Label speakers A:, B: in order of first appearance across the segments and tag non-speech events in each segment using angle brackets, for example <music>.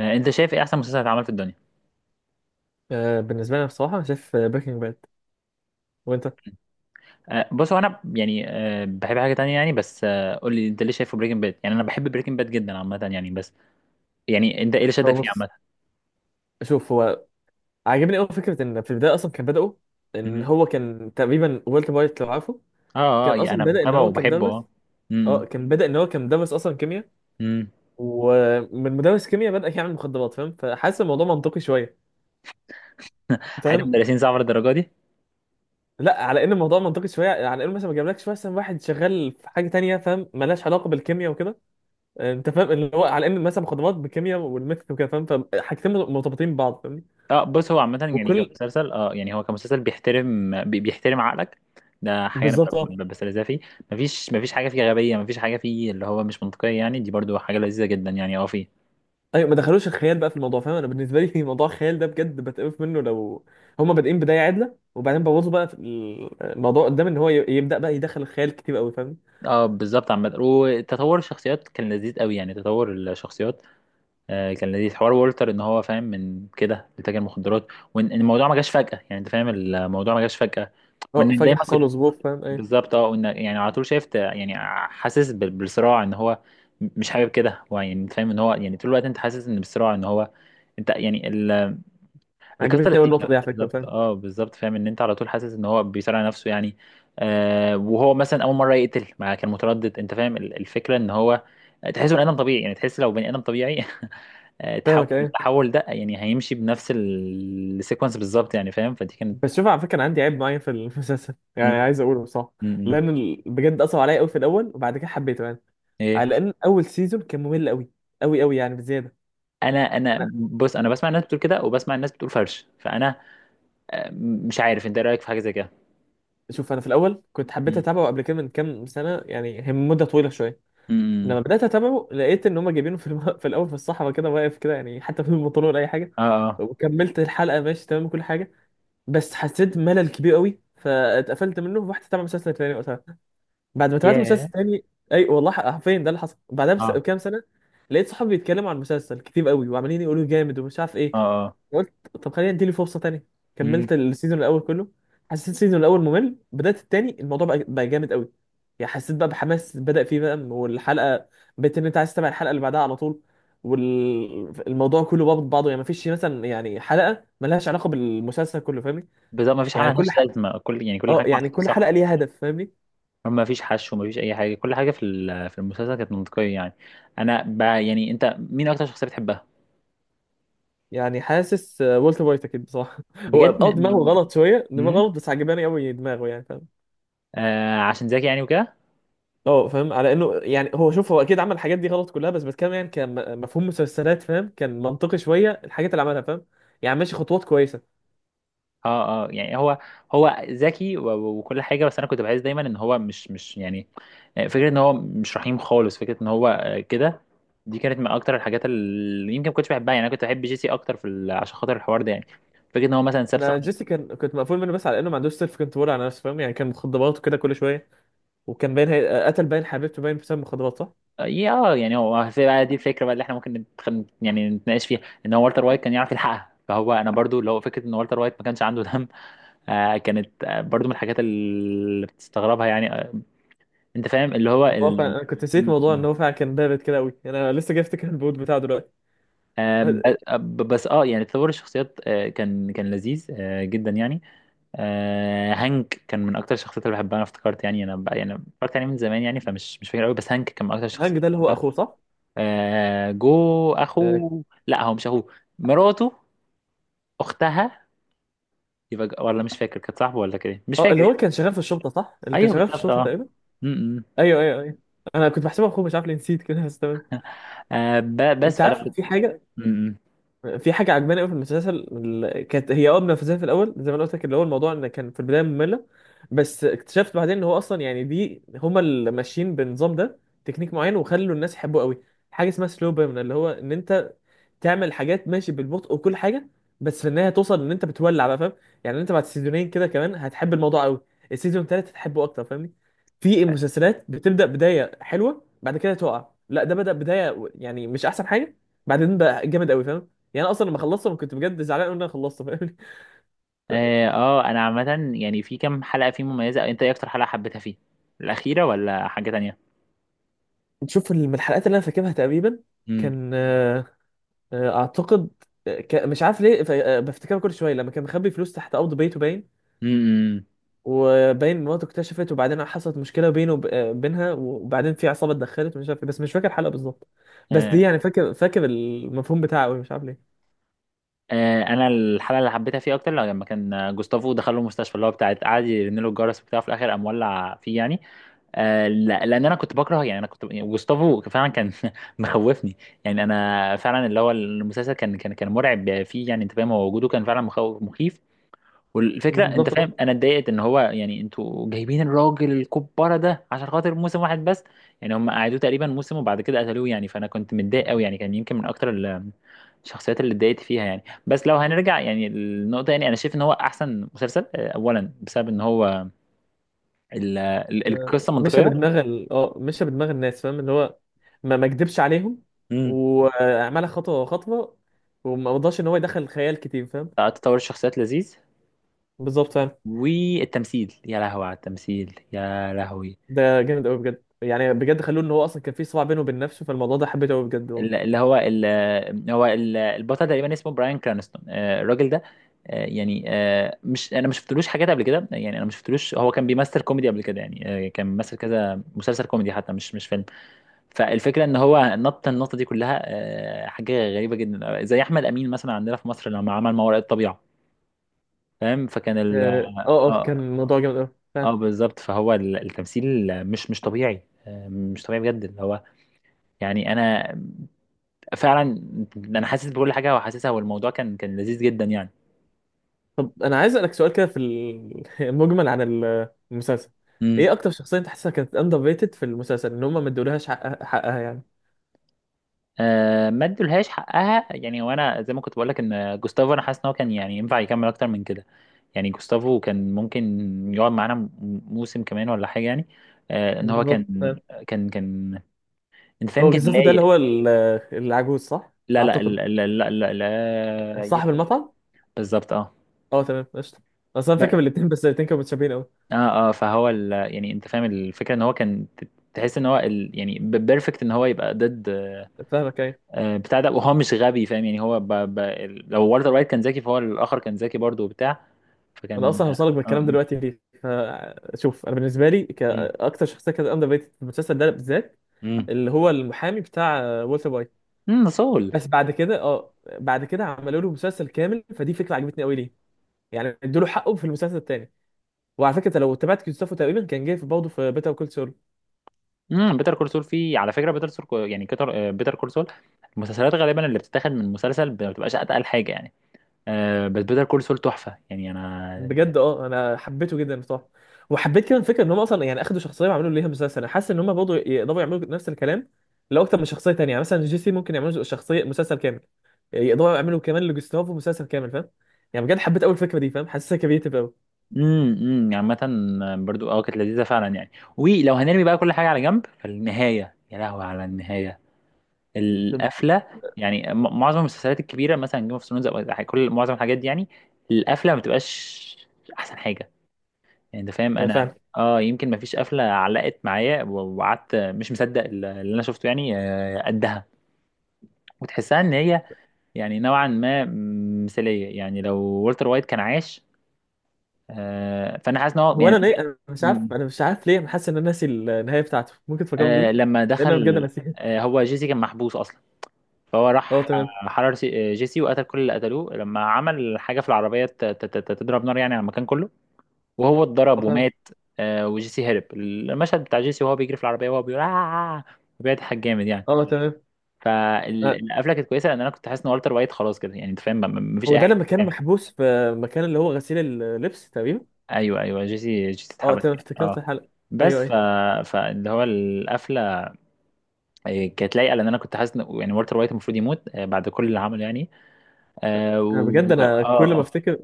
A: انت شايف ايه احسن مسلسل اتعمل في الدنيا؟
B: بالنسبة لي أنا بصراحة شايف بريكنج باد. وأنت؟
A: بص، هو انا بحب حاجه تانية يعني، بس قول لي انت ليه شايفه بريكنج باد. يعني انا بحب بريكنج باد جدا عامه يعني، بس يعني انت ايه اللي شدك
B: هو
A: فيه
B: بص
A: عامه؟
B: شوف هو عاجبني أوي فكرة إن في البداية أصلا كان بدأوا، إن
A: مم.
B: هو كان تقريبا والتر وايت لو عارفه.
A: اه،
B: كان
A: اه، يعني
B: أصلا
A: انا
B: بدأ إن
A: متابعه
B: هو
A: وبحبه،
B: كمدرس.
A: اه.
B: أه
A: امم.
B: كان بدأ إن هو كمدرس أصلا كيمياء.
A: امم.
B: ومن مدرس كيمياء بدأ يعمل مخدرات، فاهم؟ فحاسس الموضوع منطقي شوية.
A: حياه
B: فاهم؟
A: المدرسين صعبه للدرجه دي؟
B: لا، على إن الموضوع منطقي شوية، على إنه مثلا ما جابلكش مثلا واحد شغال في حاجة تانية فاهم، ملهاش علاقة بالكيمياء وكده. أنت فاهم اللي هو، على إن مثلا مخدرات بالكيمياء والميث وكده فاهم، فحاجتين مرتبطين ببعض، فاهمني؟
A: اه، بص، هو عامه يعني
B: وكل.
A: كمسلسل، اه يعني هو كمسلسل بيحترم بيحترم عقلك. ده حاجه انا
B: بالظبط، اه.
A: بستلذها فيه. مفيش حاجه فيه غبيه، مفيش حاجه فيه اللي هو مش منطقيه يعني، دي برضو حاجه لذيذه جدا يعني، اه.
B: ايوه، ما دخلوش الخيال بقى في الموضوع، فاهم؟ انا بالنسبه لي <laughs> موضوع الخيال ده بجد بتقف منه، لو هما بادئين بدايه عادله وبعدين بوظوا بقى في الموضوع قدام، ان هو يبدا بقى يدخل الخيال كتير قوي، فاهم؟
A: اه، بالظبط. عامة، وتطور الشخصيات كان لذيذ قوي يعني، تطور الشخصيات آه كان لذيذ. حوار وولتر ان هو فاهم من كده لتاجر مخدرات، وان إن الموضوع ما جاش فجأة يعني، انت فاهم الموضوع ما جاش فجأة،
B: اه،
A: وانك
B: فجاه
A: دايما
B: حصل له
A: كنت،
B: ظروف، فاهم ايه.
A: بالظبط، اه. وانك يعني على طول شايف يعني، حاسس بالصراع ان هو مش حابب كده هو، يعني انت فاهم ان هو يعني طول الوقت انت حاسس ان بالصراع ان هو، انت يعني، القصه
B: عجبتني قوي
A: لذيذه
B: النقطه دي على فكره،
A: بالظبط،
B: فاهم.
A: اه بالظبط. فاهم ان انت على طول حاسس ان هو بيصارع نفسه يعني. آه وهو مثلا اول مره يقتل ما كان متردد، انت فاهم الفكره ان هو تحسه بني ادم طبيعي يعني، تحس لو بني ادم طبيعي <laughs>
B: فاهمك
A: تحول،
B: ايه.
A: التحول ده يعني هيمشي بنفس السيكونس بالظبط يعني، فاهم؟ فدي كانت،
B: بس شوف على فكره، انا عندي عيب معين في <laughs> المسلسل يعني،
A: مم.
B: عايز اقوله بصراحه.
A: مم.
B: لان بجد اثر عليا قوي في الاول وبعد كده حبيته يعني،
A: ايه؟
B: على ان اول سيزون كان ممل قوي، قوي يعني بزياده.
A: انا
B: أنا-
A: انا بص، انا بسمع الناس بتقول كده وبسمع الناس بتقول فرش، فانا مش عارف انت ايه رايك في حاجه زي كده.
B: شوف انا في الاول كنت حبيت
A: مم.
B: اتابعه قبل كده من كام سنه، يعني هي مده طويله شويه.
A: مم.
B: لما بدات اتابعه لقيت ان هم جايبينه في في الاول في الصحراء كده واقف كده، يعني حتى بدون بنطلون ولا اي حاجه.
A: اه، اه.
B: وكملت الحلقه ماشي تمام كل حاجه، بس حسيت ملل كبير قوي فاتقفلت منه ورحت اتابع مسلسل تاني وقتها. بعد ما تابعت
A: ياه.
B: مسلسل تاني، اي والله حرفيا ده اللي حصل بعدها
A: اه،
B: بكام سنه، لقيت صحابي بيتكلموا عن المسلسل كتير قوي وعمالين يقولوا جامد ومش عارف ايه.
A: اه، اه.
B: قلت طب خلينا اديله فرصه تانية.
A: مم.
B: كملت السيزون الاول كله. حسيت السيزون الاول ممل، بدات التاني الموضوع بقى جامد قوي. يعني حسيت بقى بحماس بدا فيه بقى، والحلقه بقيت ان انت عايز تتابع الحلقه اللي بعدها على طول. والموضوع كله بابط بعضه، يعني مفيش مثلا يعني حلقه ملهاش علاقه بالمسلسل كله، فاهمني؟
A: بالظبط، مفيش حاجة
B: يعني
A: ملهاش لازمة، كل يعني كل
B: اه
A: حاجة
B: يعني
A: محطوطة،
B: كل حلقه
A: صح.
B: ليها هدف، فاهمني؟
A: مفيش حشو، مفيش أي حاجة، كل حاجة في في المسلسل كانت منطقية يعني. يعني أنت مين أكتر شخصية بتحبها؟
B: يعني حاسس، والتر وايت اكيد بصراحه. <laughs> هو
A: بجد،
B: اه دماغه
A: م...
B: غلط شويه، دماغه
A: م...
B: غلط، بس عجباني قوي دماغه يعني، فاهم؟
A: آه، عشان زكي يعني وكده؟
B: اه، فاهم على انه يعني هو، شوف هو اكيد عمل الحاجات دي غلط كلها، بس بتكلم يعني كان مفهوم مسلسلات فاهم، كان منطقي شويه الحاجات اللي عملها، فاهم؟ يعني ماشي خطوات كويسه.
A: اه اه. يعني هو، هو ذكي وكل حاجة، بس أنا كنت بحس دايما إن هو مش يعني فكرة إن هو مش رحيم خالص، فكرة إن هو كده، دي كانت من أكتر الحاجات اللي يمكن ما كنتش بحبها يعني. أنا كنت بحب جيسي أكتر في ال... عشان خاطر الحوار ده يعني، فكرة إن هو مثلا ساب
B: انا
A: صاحبه.
B: جيسي كان كنت مقفول منه، بس على انه ما عندوش سيلف كنترول على نفسه فاهم، يعني كان مخدرات وكده كل شويه. وكان باين قتل باين حبيبته باين بسبب مخدرات صح؟
A: يا اه، يعني هو في بقى دي الفكره بقى اللي احنا ممكن يعني نتناقش فيها، ان هو والتر وايت كان يعرف يلحقها، فهو انا برضو لو فكره ان والتر وايت ما كانش عنده دم، آه كانت برضو من الحاجات اللي بتستغربها يعني، آه. انت فاهم اللي هو
B: هو
A: ال...
B: فعلا انا كنت نسيت
A: م-
B: موضوع
A: م.
B: ان هو فعلا كان بارد كده قوي، انا لسه جاي افتكر البوت بتاعه دلوقتي.
A: آه بس اه، يعني تطور الشخصيات آه كان لذيذ آه جدا يعني. آه، هانك كان من اكتر الشخصيات اللي بحبها، انا افتكرت يعني، انا بقى يعني افتكرت يعني من زمان يعني، فمش مش فاكر قوي، بس هانك كان من اكتر الشخصيات.
B: الهانج ده اللي هو اخوه صح؟
A: آه، جو
B: اه.
A: اخوه، لا هو مش اخوه، مراته، اختها، يبقى ولا مش فاكر كانت صاحبه ولا كده إيه؟ مش فاكر
B: اللي هو
A: يعني.
B: كان شغال في الشرطه صح؟ اللي كان
A: ايوه
B: شغال في
A: بالظبط،
B: الشرطه
A: اه.
B: تقريبا.
A: م- م.
B: ايوه، ايوه، ايوه. انا كنت بحسبه اخوه، مش عارف ليه نسيت كده، بس تمام.
A: آه بس
B: انت
A: فرقت.
B: عارف في حاجه،
A: م- م.
B: في حاجه عجباني قوي في المسلسل. كانت هي اه منافسه في الاول زي ما انا قلت لك، اللي هو الموضوع ان كان في البدايه ممله. بس اكتشفت بعدين ان هو اصلا يعني دي هما اللي ماشيين بالنظام ده، تكنيك معين وخلوا الناس يحبوه قوي. حاجه اسمها سلو بيرن، اللي هو ان انت تعمل حاجات ماشي بالبطء وكل حاجه، بس في النهايه توصل ان انت بتولع بقى، فاهم؟ يعني انت بعد سيزونين كده كمان هتحب الموضوع قوي، السيزون التالت هتحبه اكتر، فاهمني؟ في مسلسلات بتبدا بدايه حلوه بعد كده تقع، لا ده بدا بدايه يعني مش احسن حاجه، بعدين بقى جامد قوي، فاهم؟ يعني انا اصلا لما خلصته انا كنت بجد زعلان أوي ان انا خلصته، فاهمني؟
A: اه. انا عامه يعني، في كام حلقه فيه مميزه، انت ايه اكتر حلقه حبيتها فيه؟ الاخيره ولا حاجه تانية؟
B: <laughs> تشوف من الحلقات اللي انا فاكرها تقريبا،
A: م-
B: كان آه، آه، اعتقد آه، ك- مش عارف ليه ف- آه، بفتكرها كل شويه، لما كان مخبي فلوس تحت ارض بيته باين،
A: م- م.
B: وباين مراته اكتشفت، وبعدين حصلت مشكله بينه بينها، وبعدين في عصابه اتدخلت مش عارف إيه، بس مش فاكر الحلقه بالظبط. بس دي
A: آه،
B: يعني فاكر، فاكر المفهوم بتاعه أوي، مش عارف ليه.
A: آه، انا الحلقه اللي حبيتها فيه اكتر لو لما كان جوستافو دخل له المستشفى اللي هو بتاعت، قعد يرن له الجرس بتاعه، في الاخر قام ولع فيه يعني. آه، لا لان انا كنت بكره يعني، انا كنت يعني جوستافو فعلا كان <laughs> مخوفني. يعني انا فعلا اللي هو المسلسل كان مرعب فيه يعني، انت فاهم، هو وجوده كان فعلا مخوف، مخيف. والفكره، انت فاهم،
B: بالظبط،
A: انا اتضايقت ان هو، يعني انتوا جايبين الراجل الكبارة ده عشان خاطر موسم واحد بس؟ يعني هم قعدوه تقريبا موسم وبعد كده قتلوه يعني، فانا كنت متضايق قوي يعني، كان يمكن من اكتر الشخصيات اللي اتضايقت فيها يعني. بس لو هنرجع يعني النقطة، يعني أنا شايف إن هو أحسن مسلسل، أولا بسبب إن هو القصة
B: مشى
A: منطقية.
B: بدماغ اه مشى بدماغ الناس فاهم، اللي هو ما ما كدبش عليهم،
A: مم.
B: وعملها خطوه خطوه، وما رضاش ان هو يدخل خيال كتير، فاهم؟
A: تطور الشخصيات لذيذ.
B: بالظبط، فاهم.
A: والتمثيل، يا لهوي على التمثيل، يا لهوي.
B: ده جامد قوي بجد يعني، بجد خلوه ان هو اصلا كان في صراع بينه وبين نفسه، فالموضوع ده حبيته قوي بجد
A: ال-
B: والله.
A: اللي هو ال- هو ال- البطل تقريبا اسمه براين كرانستون، الراجل ده مش، انا ما شفتلوش حاجات قبل كده يعني، انا ما شفتلوش، هو كان بيمثل كوميدي قبل كده يعني، كان بيمثل كذا مسلسل كوميدي حتى، مش فيلم. فالفكره ان هو نط النقطه دي كلها حاجه غريبه جدا، زي احمد امين مثلا عندنا في مصر لما عمل ما وراء الطبيعه. فاهم؟ فكان ال،
B: اه اه، كان
A: اه
B: الموضوع جامد قوي،
A: اه
B: فاهم.
A: بالظبط. فهو التمثيل مش طبيعي، مش طبيعي بجد، اللي هو يعني انا، فعلا انا حاسس بكل حاجه وحاسسها، والموضوع كان لذيذ جدا يعني.
B: طب انا عايز اسالك سؤال كده في <laughs> المجمل عن المسلسل.
A: امم.
B: ايه اكتر شخصيه انت حاسسها كانت اندر ريتد في المسلسل، ان هم ما ادولهاش حقها، حقها يعني.
A: آه، ما ادولهاش حقها، يعني وانا زي ما كنت بقول لك، ان جوستافو انا حاسس ان هو كان يعني ينفع يكمل اكتر من كده. يعني جوستافو كان ممكن يقعد معانا موسم كمان ولا حاجه يعني. آه، ان هو كان،
B: بالظبط.
A: كان انت فاهم
B: هو
A: كان
B: جزافة ده اللي
A: لايق.
B: هو العجوز صح؟
A: لا لا
B: اعتقد.
A: لا لا لا, لا, لا, لا, لا, لا, لا, لا, لا,
B: صاحب
A: لا
B: المطعم؟
A: بالظبط اه.
B: اه تمام، قشطة. اصل انا فاكر الاتنين، بس الاتنين كانوا متشابهين قوي.
A: اه، اه، فهو ال...، يعني انت فاهم الفكره ان هو كان تحس ان هو ال... يعني بيرفكت ان هو يبقى ضد
B: فاهمك ايه.
A: بتاع ده، وهو مش غبي فاهم يعني، هو ب... ب... ال- لو والتر وايت كان ذكي فهو الاخر كان ذكي برضه وبتاع.
B: انا
A: فكان
B: اصلا هوصلك بالكلام
A: آه،
B: دلوقتي ليه، فشوف انا بالنسبه لي
A: مم.
B: كاكتر شخصيه كانت اندر ريتد في المسلسل ده بالذات،
A: مم.
B: اللي هو المحامي بتاع والتر وايت.
A: امم، سول.
B: بس بعد كده، اه بعد كده عملوا له مسلسل كامل، فدي فكره عجبتني قوي ليه، يعني ادوا له حقه في المسلسل الثاني. وعلى فكره أنت لو تابعت جوستافو تقريبا كان جاي في برضه في بيتر كول.
A: امم، بيتر كول سول، فيه على فكره بيتر سول يعني، كتر بيتر كول سول. المسلسلات غالبا اللي بتتاخد من مسلسل ما بتبقاش اتقل حاجه يعني، آه. بس بيتر كول سول تحفه يعني، انا،
B: بجد اه انا حبيته جدا بصراحه. وحبيت كمان الفكره ان هم اصلا يعني اخدوا شخصيه وعملوا ليها مسلسل، انا حاسس ان هم برضه يقدروا يعملوا نفس الكلام لو اكتر من شخصيه تانية، يعني مثلا جيسي ممكن يعملوا شخصيه مسلسل كامل، يقدروا يعملوا كمان لجوستافو مسلسل كامل، فاهم؟ يعني بجد حبيت اول فكره دي فاهم، حاسسها كريتيف قوي.
A: امم، امم. يعني عامة، برضو اه كانت لذيذة فعلا يعني. ولو هنرمي بقى كل حاجة على جنب، فالنهاية، يا لهوي على النهاية. القفلة يعني، معظم المسلسلات الكبيرة، مثلا جيم اوف ثرونز او كل معظم الحاجات دي يعني، القفلة ما بتبقاش أحسن حاجة. يعني أنت فاهم، أنا
B: فعلا.
A: اه، يمكن ما فيش قفلة علقت معايا وقعدت مش مصدق اللي أنا شفته يعني، قدها. وتحسها إن هي يعني نوعا ما مثالية، يعني لو والتر وايت كان عايش، فأنا حاسس إن هو
B: هو
A: يعني
B: انا انا مش عارف،
A: <laughs>
B: انا مش عارف ليه انا حاسس ان انا ناسي النهايه بتاعته، ممكن تفكرني
A: آه
B: بيها؟
A: لما
B: لان انا بجد
A: دخل،
B: ناسيها.
A: آه هو جيسي كان محبوس اصلا، فهو
B: اه
A: راح
B: تمام.
A: حرر جيسي، وقتل كل اللي قتلوه لما عمل حاجه في العربيه تضرب نار يعني على المكان كله، وهو
B: اه
A: اتضرب
B: فاهم.
A: ومات. آه وجيسي هرب، المشهد بتاع جيسي وهو بيجري في العربيه وهو بيقول آه، بيضحك جامد يعني.
B: اه تمام. آه،
A: فالقفله كانت كويسه، لان انا كنت حاسس ان والتر وايت خلاص كده، يعني انت فاهم مفيش
B: هو
A: اي
B: ده
A: حاجه
B: لما كان
A: تتعمل.
B: محبوس في مكان اللي هو غسيل اللبس تقريبا.
A: ايوه، ايوه، جيسي
B: اه
A: اتحبس
B: تمام،
A: يعني،
B: افتكرت
A: اه.
B: الحلقه.
A: بس
B: ايوه
A: ف،
B: ايوه
A: فاللي هو القفله كانت لايقه، لان انا كنت حاسس إن، يعني والتر وايت المفروض يموت بعد كل اللي عمله يعني. اه
B: انا بجد
A: و...، اه،
B: انا كل ما
A: اه.
B: افتكر،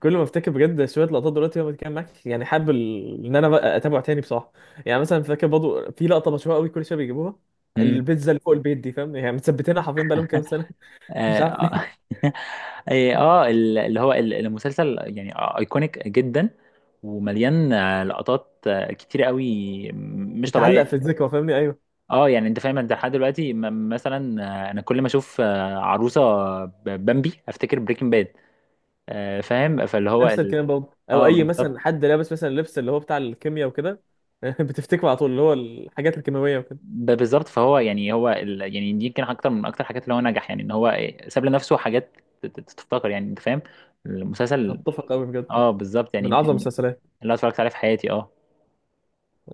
B: كل ما افتكر بجد شويه لقطات دلوقتي وأنا بتكلم معاك، يعني حابب ان انا بقى اتابعه تاني بصراحه. يعني مثلا فاكر برضه في لقطه مشهوره قوي كل شويه بيجيبوها،
A: مم.
B: البيتزا اللي فوق البيت دي فاهم، يعني مثبتينها حرفيا بقالهم كام سنه. <laughs> مش
A: اه،
B: عارف
A: آه.
B: ليه.
A: <laughs> إيه، المسلسل يعني ايكونيك جدا، ومليان لقطات كتير قوي، مش طبيعيه.
B: تتعلق في الذكرى، فاهمني؟ ايوه،
A: اه، يعني انت فاهم، انت لحد دلوقتي مثلا انا كل ما اشوف عروسه بامبي افتكر بريكنج باد. فاهم؟ فاللي هو
B: نفس
A: ال...
B: الكلام برضه. او
A: اه
B: اي مثلا
A: بالظبط،
B: حد لابس مثلا لبس اللي هو بتاع الكيمياء وكده <laughs> بتفتكره على طول، اللي هو الحاجات الكيماويه وكده.
A: بالظبط. فهو يعني هو ال...، يعني دي يمكن اكتر من اكتر حاجات اللي هو نجح يعني ان هو إيه، ساب لنفسه حاجات تفتكر يعني، انت فاهم المسلسل.
B: اتفق قوي بجد،
A: اه بالظبط، يعني
B: من
A: يمكن
B: اعظم
A: اللي
B: المسلسلات.
A: أنا اتفرجت عليه في حياتي، اه.